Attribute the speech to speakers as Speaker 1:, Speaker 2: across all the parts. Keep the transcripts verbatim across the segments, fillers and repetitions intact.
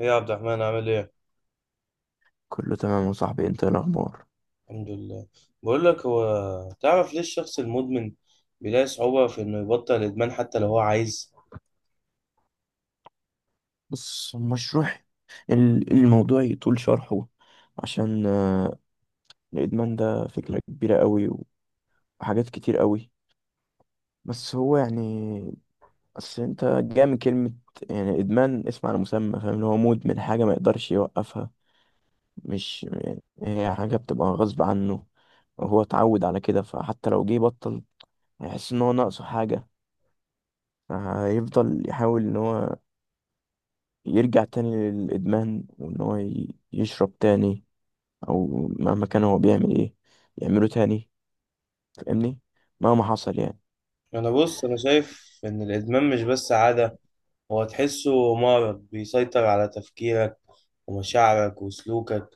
Speaker 1: ايه يا عبد الرحمن عامل ايه؟
Speaker 2: كله تمام يا صاحبي، انت ايه الاخبار؟
Speaker 1: الحمد لله. بقول لك، هو تعرف ليه الشخص المدمن بيلاقي صعوبة في انه يبطل الادمان حتى لو هو عايز؟
Speaker 2: بص المشروع، ال- الموضوع يطول شرحه. عشان آه، الادمان ده فكرة كبيرة قوي وحاجات كتير قوي. بس هو يعني، بس انت جاي من كلمة يعني ادمان اسم على مسمى، فاهم؟ اللي هو مدمن حاجة ما يقدرش يوقفها، مش يعني هي حاجة بتبقى غصب عنه. هو اتعود على كده، فحتى لو جه بطل هيحس ان هو ناقصه حاجة. هيفضل يحاول ان هو يرجع تاني للإدمان، وإن هو ي- يشرب تاني، أو مهما كان هو بيعمل إيه يعمله تاني. فاهمني؟ مهما حصل يعني.
Speaker 1: انا بص، انا شايف ان الادمان مش بس عادة، هو تحسه مرض بيسيطر على تفكيرك ومشاعرك وسلوكك.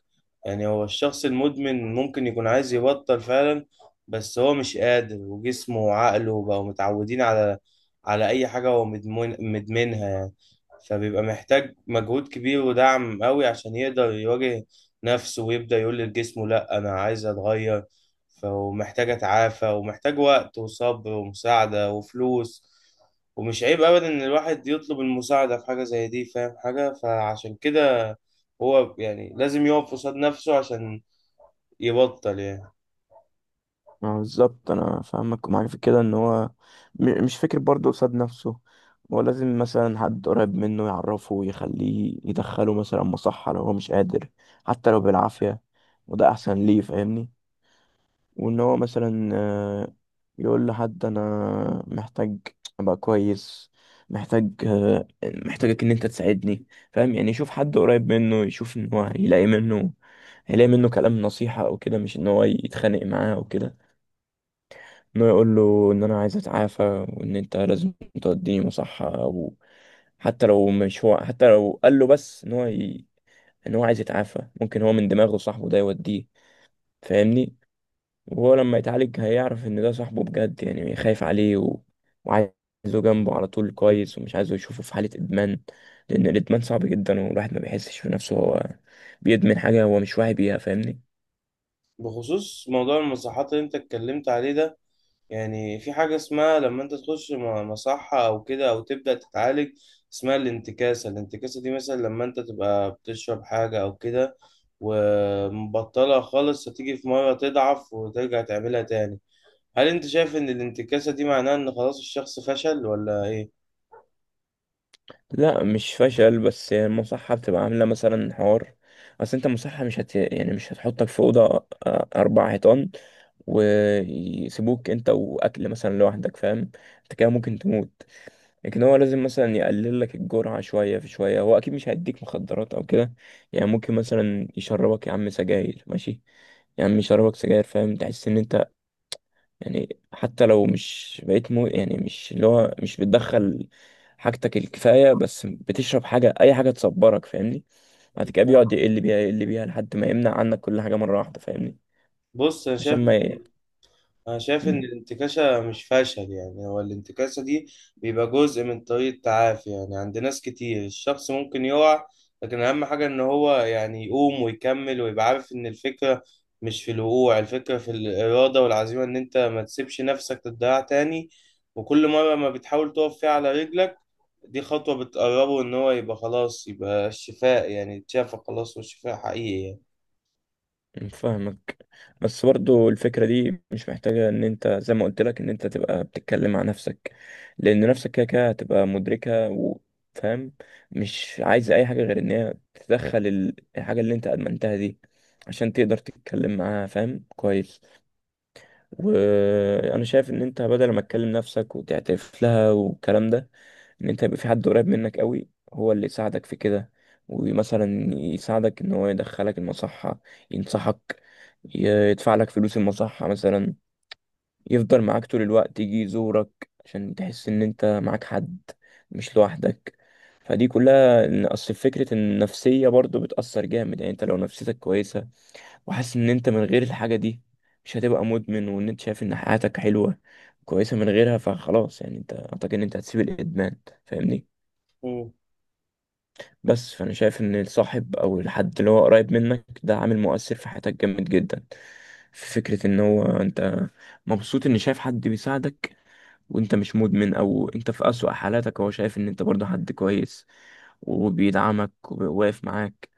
Speaker 1: يعني هو الشخص المدمن ممكن يكون عايز يبطل فعلا، بس هو مش قادر، وجسمه وعقله بقوا متعودين على على أي حاجة هو مدمن مدمنها يعني. فبيبقى محتاج مجهود كبير ودعم قوي عشان يقدر يواجه نفسه ويبدأ يقول لجسمه لأ أنا عايز أتغير، فمحتاج أتعافى، ومحتاج وقت وصبر ومساعدة وفلوس. ومش عيب ابدا ان الواحد يطلب المساعده في حاجه زي دي، فاهم حاجه؟ فعشان كده هو يعني لازم يقف قصاد نفسه عشان يبطل يعني.
Speaker 2: ما هو بالظبط، أنا فاهمك ومعاك في كده. إن هو م- مش فكر برضه قصاد نفسه، هو لازم مثلا حد قريب منه يعرفه ويخليه يدخله مثلا مصحة لو هو مش قادر، حتى لو بالعافية، وده أحسن ليه. فاهمني؟ وان هو مثلا آه، يقول لحد انا محتاج ابقى كويس، محتاج آه، محتاجك ان انت تساعدني. فاهم يعني؟ يشوف حد قريب منه، يشوف ان هو هيلاقي منه، هيلاقي منه كلام نصيحة او كده، مش ان هو يتخانق معاه او كده. ان هو يقول له ان انا عايز اتعافى، وان انت لازم توديني مصحة، او حتى لو مش هو، حتى لو قال له بس ان هو ي... ان هو عايز يتعافى، ممكن هو من دماغه صاحبه ده يوديه. فاهمني؟ وهو لما يتعالج هيعرف ان ده صاحبه بجد، يعني خايف عليه و... وعايزه جنبه على طول، كويس، ومش عايزه يشوفه في حالة ادمان. لان الادمان صعب جدا، والواحد ما بيحسش في نفسه هو بيدمن حاجة، هو مش واعي بيها. فاهمني؟
Speaker 1: بخصوص موضوع المصحات اللي انت اتكلمت عليه ده، يعني في حاجه اسمها لما انت تخش م- مصحه او كده او تبدا تتعالج، اسمها الانتكاسه. الانتكاسه دي مثلا لما انت تبقى بتشرب حاجه او كده ومبطلها خالص، هتيجي في مره تضعف وترجع تعملها تاني. هل انت شايف ان الانتكاسة دي معناها ان خلاص الشخص فشل ولا ايه؟
Speaker 2: لا مش فشل، بس هي المصحة بتبقى عاملة مثلا حوار. اصل انت مصحة مش هت يعني مش هتحطك في أوضة آه، أربع حيطان ويسيبوك انت وأكل مثلا لوحدك، فاهم؟ انت كده ممكن تموت. لكن هو لازم مثلا يقلل لك الجرعة شوية في شوية، هو أكيد مش هيديك مخدرات أو كده. يعني ممكن مثلا يشربك يا عم سجاير، ماشي؟ يا عم يشربك سجاير فاهم، تحس إن أنت يعني حتى لو مش بقيت مو يعني مش اللي هو مش بتدخل حاجتك الكفاية، بس بتشرب حاجة، أي حاجة تصبرك، فاهمني؟ بعد كده بيقعد يقل بيها يقل بيها لحد ما يمنع عنك كل حاجة مرة واحدة، فاهمني؟
Speaker 1: بص انا
Speaker 2: عشان
Speaker 1: شايف،
Speaker 2: ما
Speaker 1: انا
Speaker 2: ي...
Speaker 1: شايف ان الانتكاسة مش فشل يعني. هو الانتكاسة دي بيبقى جزء من طريق التعافي يعني، عند ناس كتير الشخص ممكن يقع، لكن اهم حاجة ان هو يعني يقوم ويكمل، ويبقى عارف ان الفكرة مش في الوقوع، الفكرة في الإرادة والعزيمة، ان انت ما تسيبش نفسك تضيع تاني. وكل مرة ما بتحاول تقف فيها على رجلك، دي خطوة بتقربه إن هو يبقى خلاص، يبقى الشفاء يعني، اتشافى خلاص، والشفاء حقيقي يعني.
Speaker 2: فاهمك. بس برضو الفكرة دي مش محتاجة ان انت زي ما قلت لك ان انت تبقى بتتكلم مع نفسك، لان نفسك كده كده هتبقى مدركة وفاهم، مش عايزة اي حاجة غير ان هي تدخل الحاجة اللي انت ادمنتها دي عشان تقدر تتكلم معاها، فاهم؟ كويس. وانا شايف ان انت بدل ما تكلم نفسك وتعترف لها والكلام ده، ان انت يبقى في حد قريب منك قوي هو اللي يساعدك في كده، ومثلا يساعدك ان هو يدخلك المصحة، ينصحك، ي- يدفع لك فلوس المصحة مثلا، يفضل معاك طول الوقت، يجي يزورك عشان تحس ان انت معاك حد، مش لوحدك. فدي كلها إن اصل فكرة النفسية برضو بتأثر جامد. يعني انت لو نفسيتك كويسة، وحاسس ان انت من غير الحاجة دي مش هتبقى مدمن، وان انت شايف ان حياتك حلوة كويسة من غيرها، فخلاص يعني انت اعتقد ان انت هتسيب الادمان، فاهمني؟
Speaker 1: مم.
Speaker 2: بس فانا شايف ان الصاحب او الحد اللي هو قريب منك ده عامل مؤثر في حياتك جامد جدا. في فكرة ان هو انت مبسوط ان شايف حد بيساعدك وانت مش مدمن، او انت في اسوأ حالاتك هو شايف ان انت برضه حد كويس وبيدعمك وواقف معاك.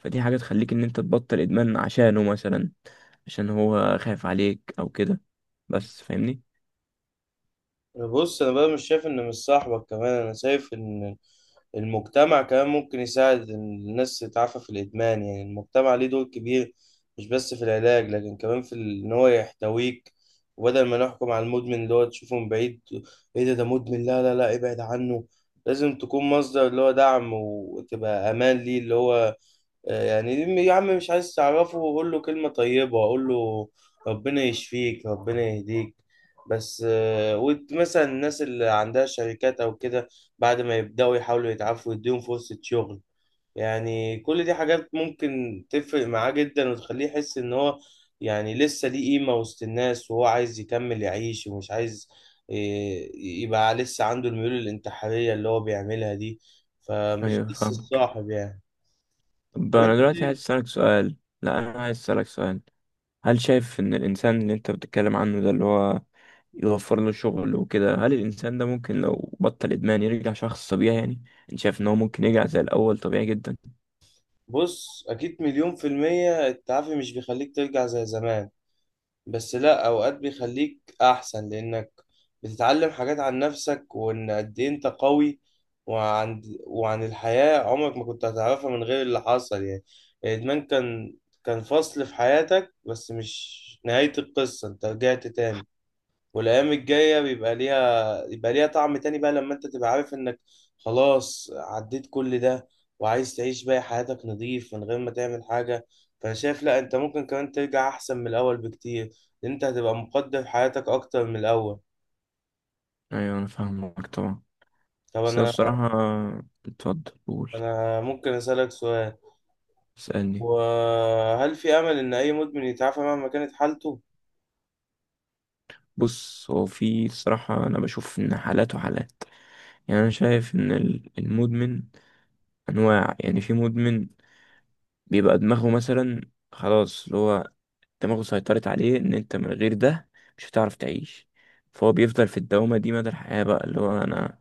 Speaker 2: فدي حاجة تخليك ان انت تبطل ادمان عشانه مثلا، عشان هو خايف عليك او كده، بس فاهمني؟
Speaker 1: بص أنا بقى مش شايف إن مش صاحبك كمان، أنا شايف إن المجتمع كمان ممكن يساعد إن الناس تتعافى في الإدمان. يعني المجتمع ليه دور كبير مش بس في العلاج، لكن كمان في ال- إن هو يحتويك. وبدل ما نحكم على المدمن اللي هو تشوفه من بعيد، إيه ده ده مدمن، لا لا لا ابعد عنه. لازم تكون مصدر اللي هو دعم، وتبقى أمان ليه اللي هو يعني، يا عم مش عايز تعرفه قول له كلمة طيبة، قول له ربنا يشفيك، ربنا يهديك بس. آه، وت- مثلا الناس اللي عندها شركات أو كده، بعد ما يبدأوا يحاولوا يتعافوا يديهم فرصة شغل. يعني كل دي حاجات ممكن تفرق معاه جدا، وتخليه يحس إن هو يعني لسه ليه قيمة وسط الناس، وهو عايز يكمل يعيش، ومش عايز آه، يبقى لسه عنده الميول الانتحارية اللي هو بيعملها دي. فمش
Speaker 2: ايوه
Speaker 1: بس
Speaker 2: فاهمك.
Speaker 1: الصاحب يعني.
Speaker 2: طب
Speaker 1: طب انت
Speaker 2: انا دلوقتي عايز
Speaker 1: شايف؟
Speaker 2: اسألك سؤال. لا انا عايز اسألك سؤال. هل شايف ان الانسان اللي انت بتتكلم عنه ده، اللي هو يوفر له شغل وكده، هل الانسان ده ممكن لو بطل ادمان يرجع شخص طبيعي؟ يعني انت شايف ان هو ممكن يرجع زي الاول طبيعي جدا؟
Speaker 1: بص أكيد مليون في المية، التعافي مش بيخليك ترجع زي زمان، بس لأ، أوقات بيخليك أحسن، لأنك بتتعلم حاجات عن نفسك، وإن قد إيه أنت قوي، وعن وعن الحياة، عمرك ما كنت هتعرفها من غير اللي حصل يعني. الإدمان كان كان فصل في حياتك بس مش نهاية القصة. أنت رجعت تاني، والايام الجايه بيبقى ليها، يبقى ليها طعم تاني بقى، لما انت تبقى عارف انك خلاص عديت كل ده، وعايز تعيش بقى حياتك نظيف من غير ما تعمل حاجه. فانا شايف لا، انت ممكن كمان ترجع احسن من الاول بكتير، لأن انت هتبقى مقدر حياتك اكتر من الاول.
Speaker 2: ايوه انا فاهمك طبعا.
Speaker 1: طب
Speaker 2: بس هي
Speaker 1: انا
Speaker 2: الصراحة، اتفضل قول.
Speaker 1: انا ممكن اسالك سؤال؟
Speaker 2: اسألني.
Speaker 1: وهل في امل ان اي مدمن يتعافى مهما كانت حالته؟
Speaker 2: بص، هو في الصراحة انا بشوف ان حالات وحالات. يعني انا شايف ان ال- المدمن انواع. يعني في مدمن بيبقى دماغه مثلا خلاص، اللي هو دماغه سيطرت عليه ان انت من غير ده مش هتعرف تعيش، فهو بيفضل في الدوامة دي مدى الحياة بقى، اللي هو انا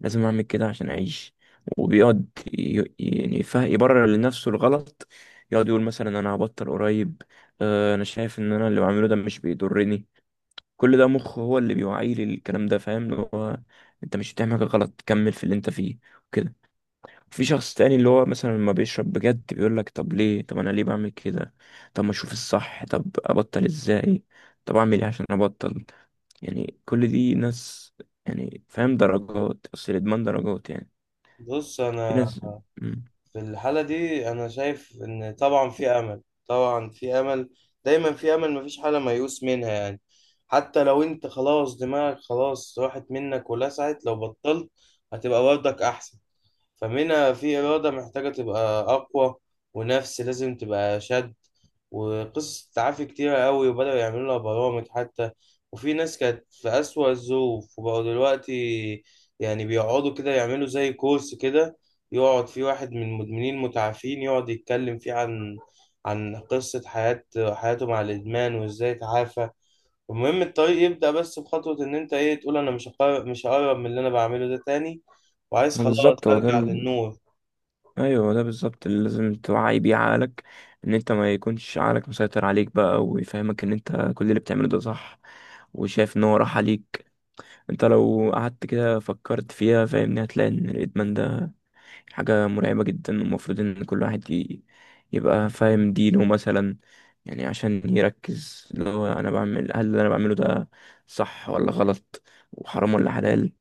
Speaker 2: لازم اعمل كده عشان اعيش. وبيقعد ي- يعني فا يبرر لنفسه الغلط، يقعد يقول مثلا انا هبطل قريب، آه، انا شايف ان انا اللي بعمله ده مش بيضرني. كل ده مخه هو اللي بيوعيه للكلام ده، فاهم؟ اللي هو انت مش بتعمل حاجه غلط، كمل في اللي انت فيه وكده. في شخص تاني اللي هو مثلا لما بيشرب بجد بيقول لك طب ليه؟ طب انا ليه بعمل كده؟ طب ما اشوف الصح، طب ابطل ازاي؟ طب اعمل ايه عشان ابطل؟ يعني كل دي ناس، يعني فاهم؟ درجات، اصل الادمان درجات يعني.
Speaker 1: بص
Speaker 2: في
Speaker 1: انا
Speaker 2: ناس. مم.
Speaker 1: في الحالة دي أنا شايف إن طبعا في أمل، طبعا في أمل، دايما في أمل، مفيش حالة ميؤوس منها يعني. حتى لو أنت خلاص دماغك خلاص راحت منك ولسعت، لو بطلت هتبقى برضك أحسن. فمنها في إرادة محتاجة تبقى أقوى، ونفس لازم تبقى شد. وقصص تعافي كتيرة قوي، وبدأوا يعملوا لها برامج حتى، وفي ناس كانت في أسوأ الظروف وبقوا دلوقتي يعني بيقعدوا كده يعملوا زي كورس كده، يقعد فيه واحد من المدمنين المتعافين يقعد يتكلم فيه عن عن قصة حياة حياته مع الإدمان وإزاي تعافى. المهم الطريق يبدأ بس بخطوة، إن أنت إيه تقول أنا مش هقرب، مش هقرب من اللي أنا بعمله ده تاني، وعايز
Speaker 2: ما
Speaker 1: خلاص
Speaker 2: بالظبط، هو ده
Speaker 1: أرجع
Speaker 2: ال...
Speaker 1: للنور.
Speaker 2: ايوه هو ده بالظبط اللي لازم توعي بيه عقلك. ان انت ما يكونش عقلك مسيطر عليك بقى ويفهمك ان انت كل اللي بتعمله ده صح، وشايف ان هو راح عليك. انت لو قعدت كده فكرت فيها، فاهمني، هتلاقي ان الادمان ده حاجة مرعبة جدا. ومفروض ان كل واحد ي... يبقى فاهم دينه مثلا، يعني عشان يركز اللي هو انا بعمل، هل اللي انا بعمله ده صح ولا غلط؟ وحرام ولا حلال؟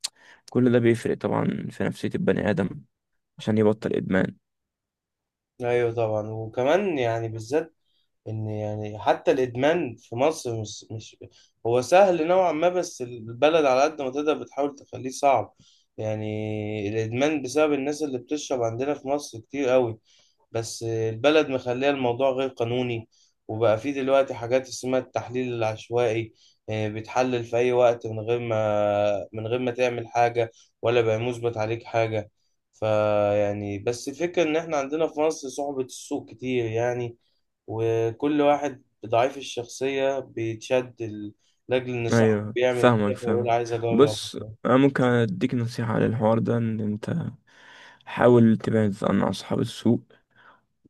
Speaker 2: كل ده بيفرق طبعا في نفسية البني آدم عشان يبطل إدمان.
Speaker 1: أيوه طبعا، وكمان يعني بالذات إن يعني، حتى الإدمان في مصر مش مش هو سهل نوعا ما، بس البلد على قد ما تقدر بتحاول تخليه صعب. يعني الإدمان بسبب الناس اللي بتشرب عندنا في مصر كتير قوي، بس البلد مخليه الموضوع غير قانوني، وبقى فيه دلوقتي حاجات اسمها التحليل العشوائي، آه، بتحلل في أي وقت من غير ما، من غير ما تعمل حاجة، ولا بقى مثبت عليك حاجة. فيعني بس الفكرة إن إحنا عندنا في مصر صعوبة السوق كتير يعني، وكل واحد ضعيف الشخصية بيتشد ال- لأجل إن صاحبه
Speaker 2: أيوه
Speaker 1: بيعمل
Speaker 2: فاهمك
Speaker 1: كده، فيقول
Speaker 2: فاهمك.
Speaker 1: عايز أجرب.
Speaker 2: بص، أنا ممكن أديك نصيحة على الحوار ده. إن أنت حاول تبعد عن أصحاب السوء،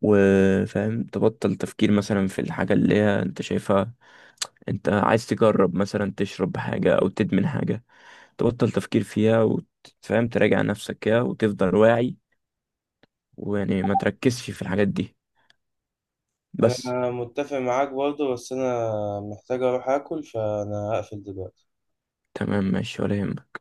Speaker 2: وفاهم تبطل تفكير مثلا في الحاجة اللي هي أنت شايفها. أنت عايز تجرب مثلا تشرب حاجة أو تدمن حاجة، تبطل تفكير فيها وتفهم تراجع نفسك كده وتفضل واعي، ويعني ما تركزش في الحاجات دي بس.
Speaker 1: أنا متفق معاك برضه، بس أنا محتاج أروح آكل فأنا هقفل دلوقتي.
Speaker 2: تمام ماشي، ولا يهمك.